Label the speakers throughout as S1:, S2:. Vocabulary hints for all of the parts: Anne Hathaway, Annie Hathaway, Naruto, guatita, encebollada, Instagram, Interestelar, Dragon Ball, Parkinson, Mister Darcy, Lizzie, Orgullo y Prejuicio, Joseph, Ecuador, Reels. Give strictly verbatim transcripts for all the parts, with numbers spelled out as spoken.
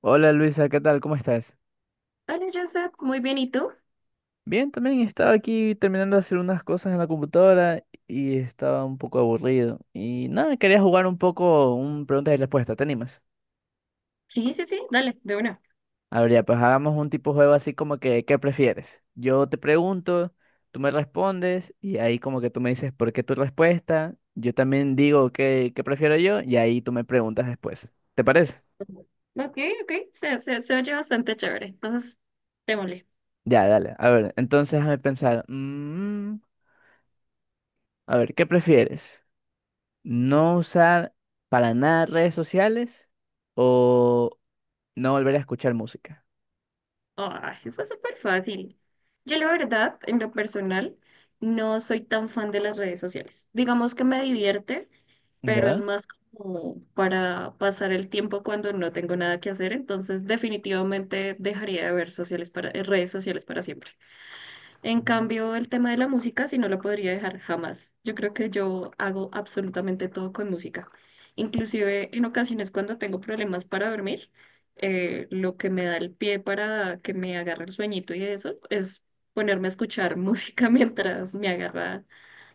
S1: Hola Luisa, ¿qué tal? ¿Cómo estás?
S2: Hola, Joseph. Muy bien, ¿y tú?
S1: Bien, también estaba aquí terminando de hacer unas cosas en la computadora y estaba un poco aburrido. Y nada, quería jugar un poco un preguntas y respuestas, ¿te animas?
S2: Sí, sí, sí, dale, de una.
S1: A ver, ya, pues hagamos un tipo de juego así como que, ¿qué prefieres? Yo te pregunto, tú me respondes y ahí como que tú me dices por qué tu respuesta, yo también digo qué, qué prefiero yo y ahí tú me preguntas después. ¿Te parece?
S2: Ok, ok, se, se, se oye bastante chévere. Entonces, démosle.
S1: Ya, dale. A ver, entonces déjame pensar. Mm, a ver, ¿qué prefieres? No usar para nada redes sociales o no volver a escuchar música.
S2: Ay, eso es súper fácil. Yo, la verdad, en lo personal, no soy tan fan de las redes sociales. Digamos que me divierte, pero es
S1: ¿Ya?
S2: más como para pasar el tiempo cuando no tengo nada que hacer. Entonces, definitivamente dejaría de ver sociales para, eh, redes sociales para siempre. En
S1: Ujú.
S2: cambio, el tema de la música sí no lo podría dejar jamás. Yo creo que yo hago absolutamente todo con música. Inclusive en ocasiones cuando tengo problemas para dormir, eh, lo que me da el pie para que me agarre el sueñito y eso es ponerme a escuchar música mientras me agarra,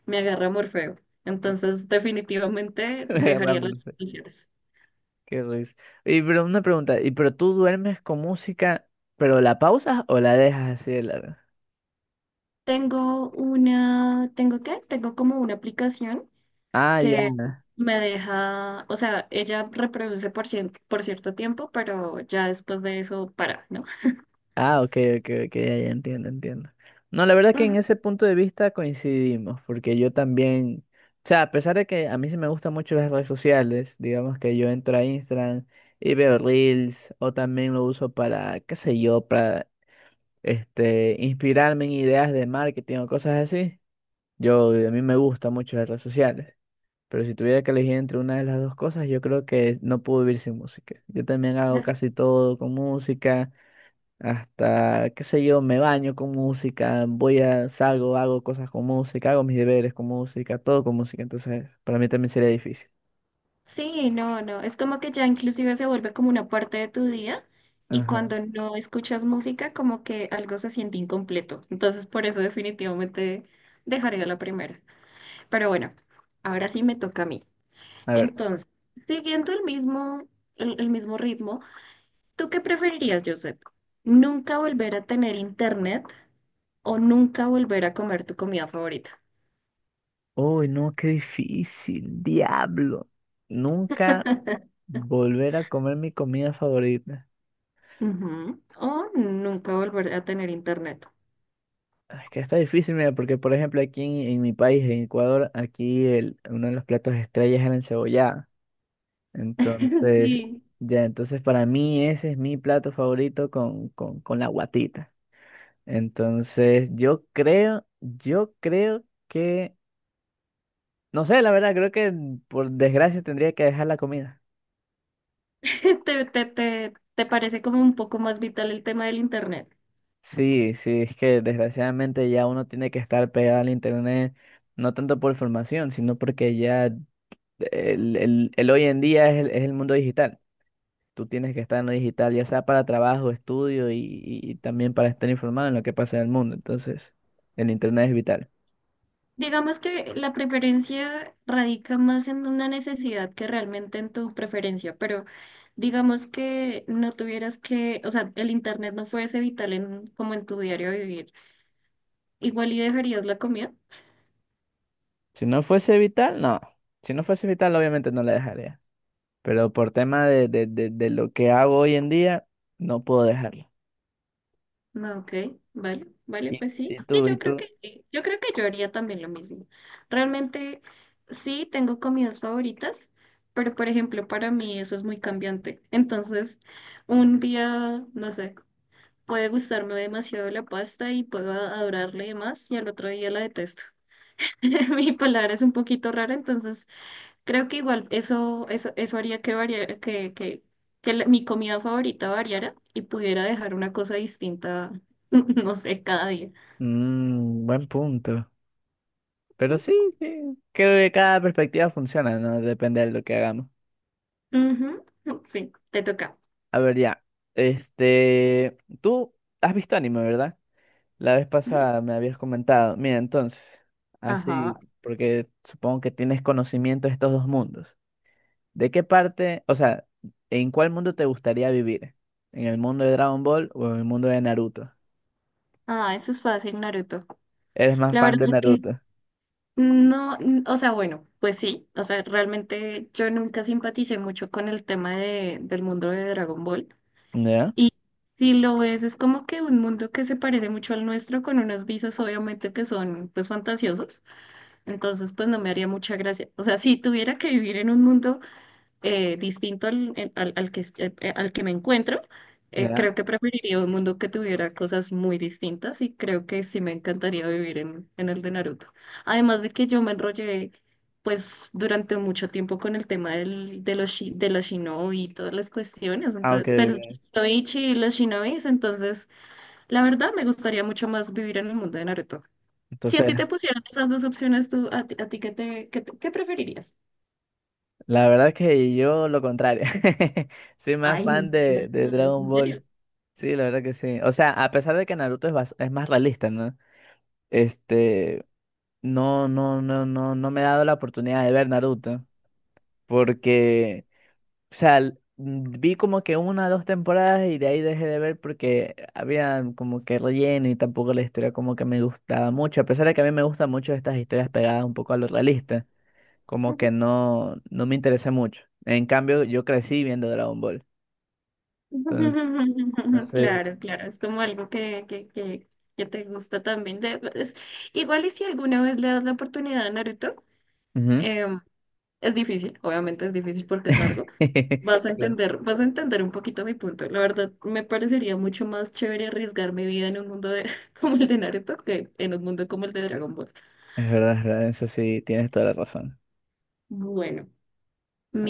S2: me agarra Morfeo. Entonces, definitivamente dejaría las
S1: Realmente,
S2: canciones.
S1: qué risa. Y pero una pregunta, ¿y pero tú duermes con música, pero la pausas o la dejas así de larga?
S2: Tengo una, ¿tengo qué? Tengo como una aplicación
S1: Ah, ya.
S2: que me deja, o sea, ella reproduce por, cien- por cierto tiempo, pero ya después de eso para, ¿no?
S1: Ah, ok, ok, ok, ya, ya entiendo, entiendo. No, la verdad que en
S2: Ujú.
S1: ese punto de vista coincidimos, porque yo también, o sea, a pesar de que a mí sí me gustan mucho las redes sociales, digamos que yo entro a Instagram y veo Reels, o también lo uso para, qué sé yo, para este, inspirarme en ideas de marketing o cosas así. Yo, a mí me gustan mucho las redes sociales, pero si tuviera que elegir entre una de las dos cosas, yo creo que no puedo vivir sin música. Yo también hago
S2: Es-
S1: casi todo con música hasta, qué sé yo, me baño con música, voy a, salgo, hago cosas con música, hago mis deberes con música, todo con música, entonces para mí también sería difícil.
S2: Sí, no, no, es como que ya inclusive se vuelve como una parte de tu día y
S1: Ajá.
S2: cuando no escuchas música como que algo se siente incompleto. Entonces por eso definitivamente dejaría la primera. Pero bueno, ahora sí me toca a mí.
S1: A ver.
S2: Entonces, siguiendo el mismo, el, el mismo ritmo, ¿tú qué preferirías, Josep? ¿Nunca volver a tener internet? O nunca volver a comer tu comida favorita.
S1: Uy, no, qué difícil, diablo. Nunca volver a comer mi comida favorita.
S2: Ujú. O nunca volver a tener internet.
S1: Ah, es que está difícil, mira, porque por ejemplo aquí en, en mi país, en Ecuador, aquí el, uno de los platos estrellas es la encebollada. Entonces,
S2: Sí.
S1: ya, entonces para mí ese es mi plato favorito con, con, con la guatita. Entonces, yo creo, yo creo que, no sé, la verdad, creo que por desgracia tendría que dejar la comida.
S2: ¿Te, te, te, te parece como un poco más vital el tema del internet?
S1: Sí, sí, es que desgraciadamente ya uno tiene que estar pegado al internet, no tanto por formación, sino porque ya el, el- el hoy en día es el, es el mundo digital. Tú tienes que estar en lo digital, ya sea para trabajo, estudio y, y también para estar informado en lo que pasa en el mundo. Entonces, el internet es vital.
S2: Digamos que la preferencia radica más en una necesidad que realmente en tu preferencia, pero digamos que no tuvieras que, o sea, el internet no fuese vital en, como en tu diario vivir. Igual y dejarías la comida.
S1: Si no fuese vital, no. Si no fuese vital, obviamente no la dejaría, pero por tema de, de, de, de lo que hago hoy en día, no puedo dejarlo.
S2: No, ok, vale, vale,
S1: ¿Y,
S2: pues sí,
S1: y
S2: sí,
S1: tú, y
S2: yo creo
S1: tú?
S2: que, eh, yo creo que yo haría también lo mismo. Realmente sí tengo comidas favoritas, pero por ejemplo para mí eso es muy cambiante. Entonces, un día, no sé, puede gustarme demasiado la pasta y puedo adorarle más y al otro día la detesto. Mi palabra es un poquito rara, entonces creo que igual eso, eso, eso haría que, variara, que, que, que la- mi comida favorita variara y pudiera dejar una cosa distinta, no sé, cada día.
S1: Mm, buen punto. Pero sí, sí, creo que cada perspectiva funciona, ¿no? Depende de lo que hagamos.
S2: Ujú, sí, te toca.
S1: A ver, ya. Este, tú has visto anime, ¿verdad? La vez pasada me habías comentado. Mira, entonces,
S2: Ajá.
S1: así, porque supongo que tienes conocimiento de estos dos mundos. ¿De qué parte, o sea, en cuál mundo te gustaría vivir? ¿En el mundo de Dragon Ball o en el mundo de Naruto?
S2: Ah, eso es fácil, Naruto.
S1: Eres más
S2: La
S1: fan
S2: verdad
S1: de
S2: es que
S1: Naruto.
S2: no, n- o sea, bueno, pues sí, o sea, realmente yo nunca simpaticé mucho con el tema de, del mundo de Dragon Ball.
S1: ¿Ya?
S2: Y si lo ves, es como que un mundo que se parece mucho al nuestro, con unos visos obviamente que son pues fantasiosos. Entonces, pues no me haría mucha gracia. O sea, si tuviera que vivir en un mundo eh, distinto al, en- al, al que, es- eh, eh, al que me encuentro, eh, creo
S1: ¿Ya?
S2: que preferiría un mundo que tuviera cosas muy distintas y creo que sí me encantaría vivir en, en el de Naruto. Además de que yo me enrollé, pues, durante mucho tiempo con el tema del, de los, shi- de los shinobi y todas las cuestiones,
S1: Ah, ok,
S2: entonces, pero los
S1: ok.
S2: shinoichi y los shinobis, entonces, la verdad me gustaría mucho más vivir en el mundo de Naruto. Si a
S1: Entonces,
S2: ti te pusieran esas dos opciones, tú, a ti, a ti ¿qué te, qué, te- qué preferirías?
S1: la verdad es que yo lo contrario. Soy más
S2: Ay, no,
S1: fan
S2: no,
S1: de, de
S2: no, es
S1: Dragon
S2: en
S1: Ball.
S2: serio.
S1: Sí, la verdad que sí. O sea, a pesar de que Naruto es, bas- es más realista, ¿no? Este, no, no, no, no, no me he dado la oportunidad de ver Naruto. Porque o sea, l- mm, vi como que una o dos temporadas y de ahí dejé de ver porque había como que relleno y tampoco la historia como que me gustaba mucho. A pesar de que a mí me gustan mucho estas historias pegadas un poco a lo realista, como que no, no me interesé mucho. En cambio, yo crecí viendo Dragon Ball. Entonces, entonces,
S2: Claro, claro, es como algo que, que, que, que te gusta también. De, es- igual y si alguna vez le das la oportunidad a Naruto,
S1: Ujú.
S2: em, es difícil, obviamente es difícil porque es largo. Vas a
S1: Claro.
S2: entender, vas a entender un poquito mi punto. La verdad, me parecería mucho más chévere arriesgar mi vida en un mundo de, como el de Naruto que en un mundo como el de Dragon Ball.
S1: Es verdad, es verdad, eso sí, tienes toda la razón.
S2: Bueno.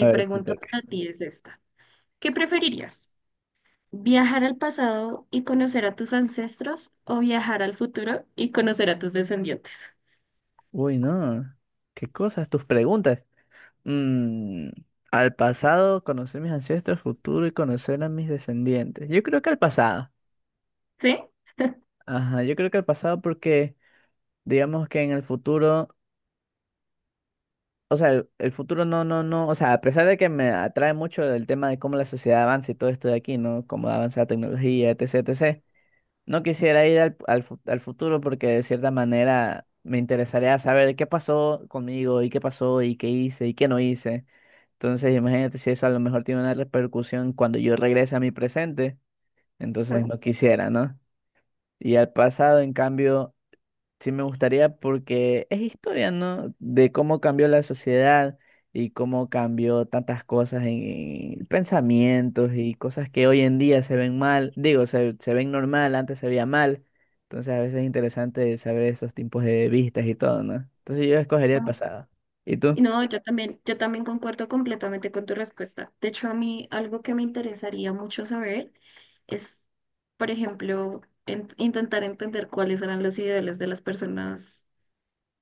S1: A ver, te
S2: pregunta
S1: toca.
S2: para ti es esta. ¿Qué preferirías? ¿Viajar al pasado y conocer a tus ancestros o viajar al futuro y conocer a tus descendientes?
S1: Uy, no. ¿Qué cosas? Tus preguntas. Mm, al pasado, conocer mis ancestros, futuro y conocer a mis descendientes. Yo creo que al pasado.
S2: ¿Sí?
S1: Ajá, yo creo que al pasado porque digamos que en el futuro, o sea, el, el futuro no, no, no, o sea, a pesar de que me atrae mucho el tema de cómo la sociedad avanza y todo esto de aquí, ¿no? Cómo avanza la tecnología, etcétera etcétera. No quisiera ir al, al, fu- al futuro porque de cierta manera me interesaría saber qué pasó conmigo y qué pasó y qué hice y qué no hice. Entonces, imagínate si eso a lo mejor tiene una repercusión cuando yo regrese a mi presente, entonces
S2: No,
S1: no quisiera, ¿no? Y al pasado, en cambio, sí me gustaría porque es historia, ¿no? De cómo cambió la sociedad y cómo cambió tantas cosas en, pensamientos y cosas que hoy en día se ven mal, digo, se, se ven normal, antes se veía mal. Entonces, a veces es interesante saber esos tipos de vistas y todo, ¿no? Entonces, yo escogería el pasado. ¿Y
S2: Y
S1: tú?
S2: no, yo también, yo también concuerdo completamente con tu respuesta. De hecho, a mí algo que me interesaría mucho saber es, por ejemplo, en- intentar entender cuáles eran los ideales de las personas,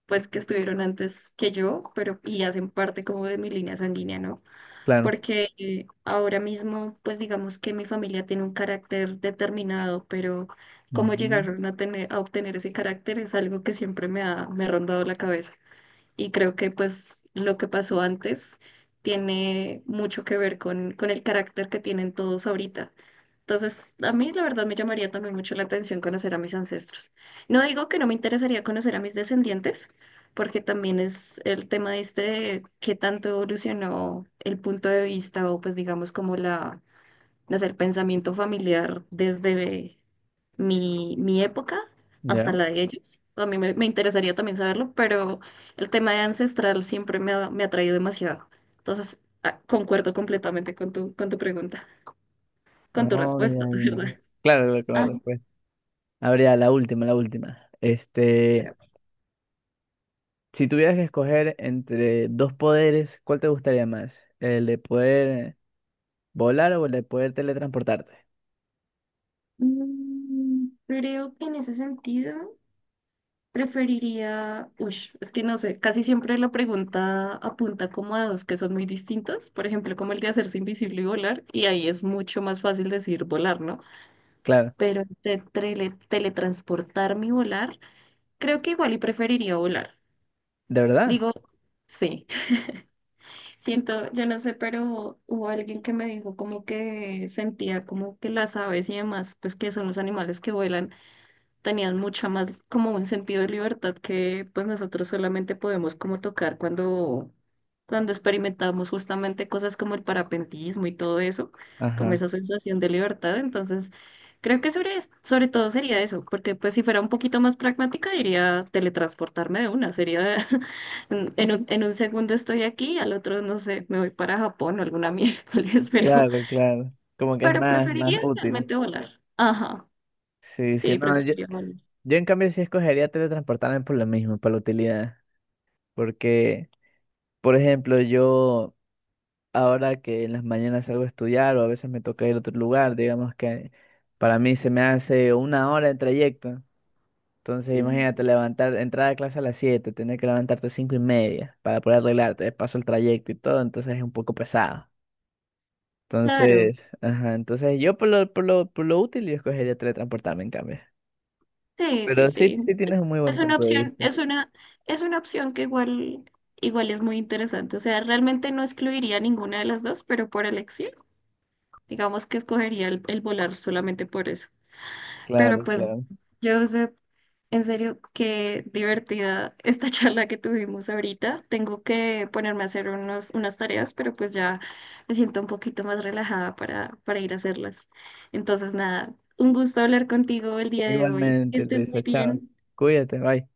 S2: pues, que estuvieron antes que yo, pero y hacen parte como de mi línea sanguínea, ¿no?
S1: Claro.
S2: Porque eh, ahora mismo, pues digamos que mi familia tiene un carácter determinado, pero cómo
S1: Mm.
S2: llegaron a tener, a obtener ese carácter es algo que siempre me ha, me ha rondado la cabeza. Y creo que pues lo que pasó antes tiene mucho que ver con, con el carácter que tienen todos ahorita. Entonces, a mí la verdad me llamaría también mucho la atención conocer a mis ancestros. No digo que no me interesaría conocer a mis descendientes, porque también es el tema de este, de qué tanto evolucionó el punto de vista o pues digamos como la, no sé, el pensamiento familiar desde mi, mi época hasta
S1: ¿Ya?
S2: la de ellos. A mí me, me interesaría también saberlo, pero el tema de ancestral siempre me ha, me ha traído demasiado. Entonces, ah, concuerdo completamente con tu, con tu pregunta, con tu
S1: Oh, ya,
S2: respuesta, de
S1: ya.
S2: ¿verdad?
S1: Claro, claro, claro, pues. A ver, ya, la última, la última. Este,
S2: Pero,
S1: si tuvieras que escoger entre dos poderes, ¿cuál te gustaría más? ¿El de poder volar o el de poder teletransportarte?
S2: mm, creo que en ese sentido preferiría, ush, es que no sé, casi siempre la pregunta apunta como a dos que son muy distintos, por ejemplo, como el de hacerse invisible y volar, y ahí es mucho más fácil decir volar, ¿no?
S1: Claro,
S2: Pero de tele- teletransportarme y volar, creo que igual y preferiría volar.
S1: ¿de verdad?
S2: Digo, sí. Siento, yo no sé, pero hubo alguien que me dijo como que sentía como que las aves y demás, pues que son los animales que vuelan tenían mucho más como un sentido de libertad que pues nosotros solamente podemos como tocar cuando, cuando experimentamos justamente cosas como el parapentismo y todo eso, como
S1: Ajá.
S2: esa sensación de libertad. Entonces, creo que sobre, sobre todo sería eso, porque pues si fuera un poquito más pragmática diría teletransportarme de una, sería en en un, en un segundo estoy aquí, al otro no sé, me voy para Japón o alguna miércoles, pero,
S1: Claro, claro. Como que es
S2: pero
S1: más, más
S2: preferiría
S1: útil.
S2: realmente volar. Ajá,
S1: Sí, sí,
S2: sí,
S1: no, yo,
S2: preferiría volar.
S1: yo en cambio sí escogería teletransportarme por lo mismo, por la utilidad. Porque, por ejemplo, yo ahora que en las mañanas salgo a estudiar o a veces me toca ir a otro lugar, digamos que para mí se me hace una hora de trayecto. Entonces imagínate levantar, entrar a clase a las siete, tener que levantarte a cinco y media para poder arreglarte, de paso el trayecto y todo, entonces es un poco pesado.
S2: Claro,
S1: Entonces, ajá, entonces yo por lo, por lo, por lo útil yo escogería teletransportarme en cambio.
S2: sí, sí,
S1: Pero sí,
S2: sí.
S1: sí tienes un muy buen
S2: Es una
S1: punto de
S2: opción,
S1: vista.
S2: es una, es una opción que igual, igual es muy interesante. O sea, realmente no excluiría ninguna de las dos, pero por elección, digamos que escogería el, el volar solamente por eso. Pero
S1: Claro,
S2: pues,
S1: claro.
S2: Joseph, en serio, qué divertida esta charla que tuvimos ahorita. Tengo que ponerme a hacer unos, unas tareas, pero pues ya me siento un poquito más relajada para, para ir a hacerlas. Entonces, nada, un gusto hablar contigo el día de hoy. Que
S1: Igualmente,
S2: estés
S1: Luisa,
S2: muy
S1: chao.
S2: bien.
S1: Cuídate, bye.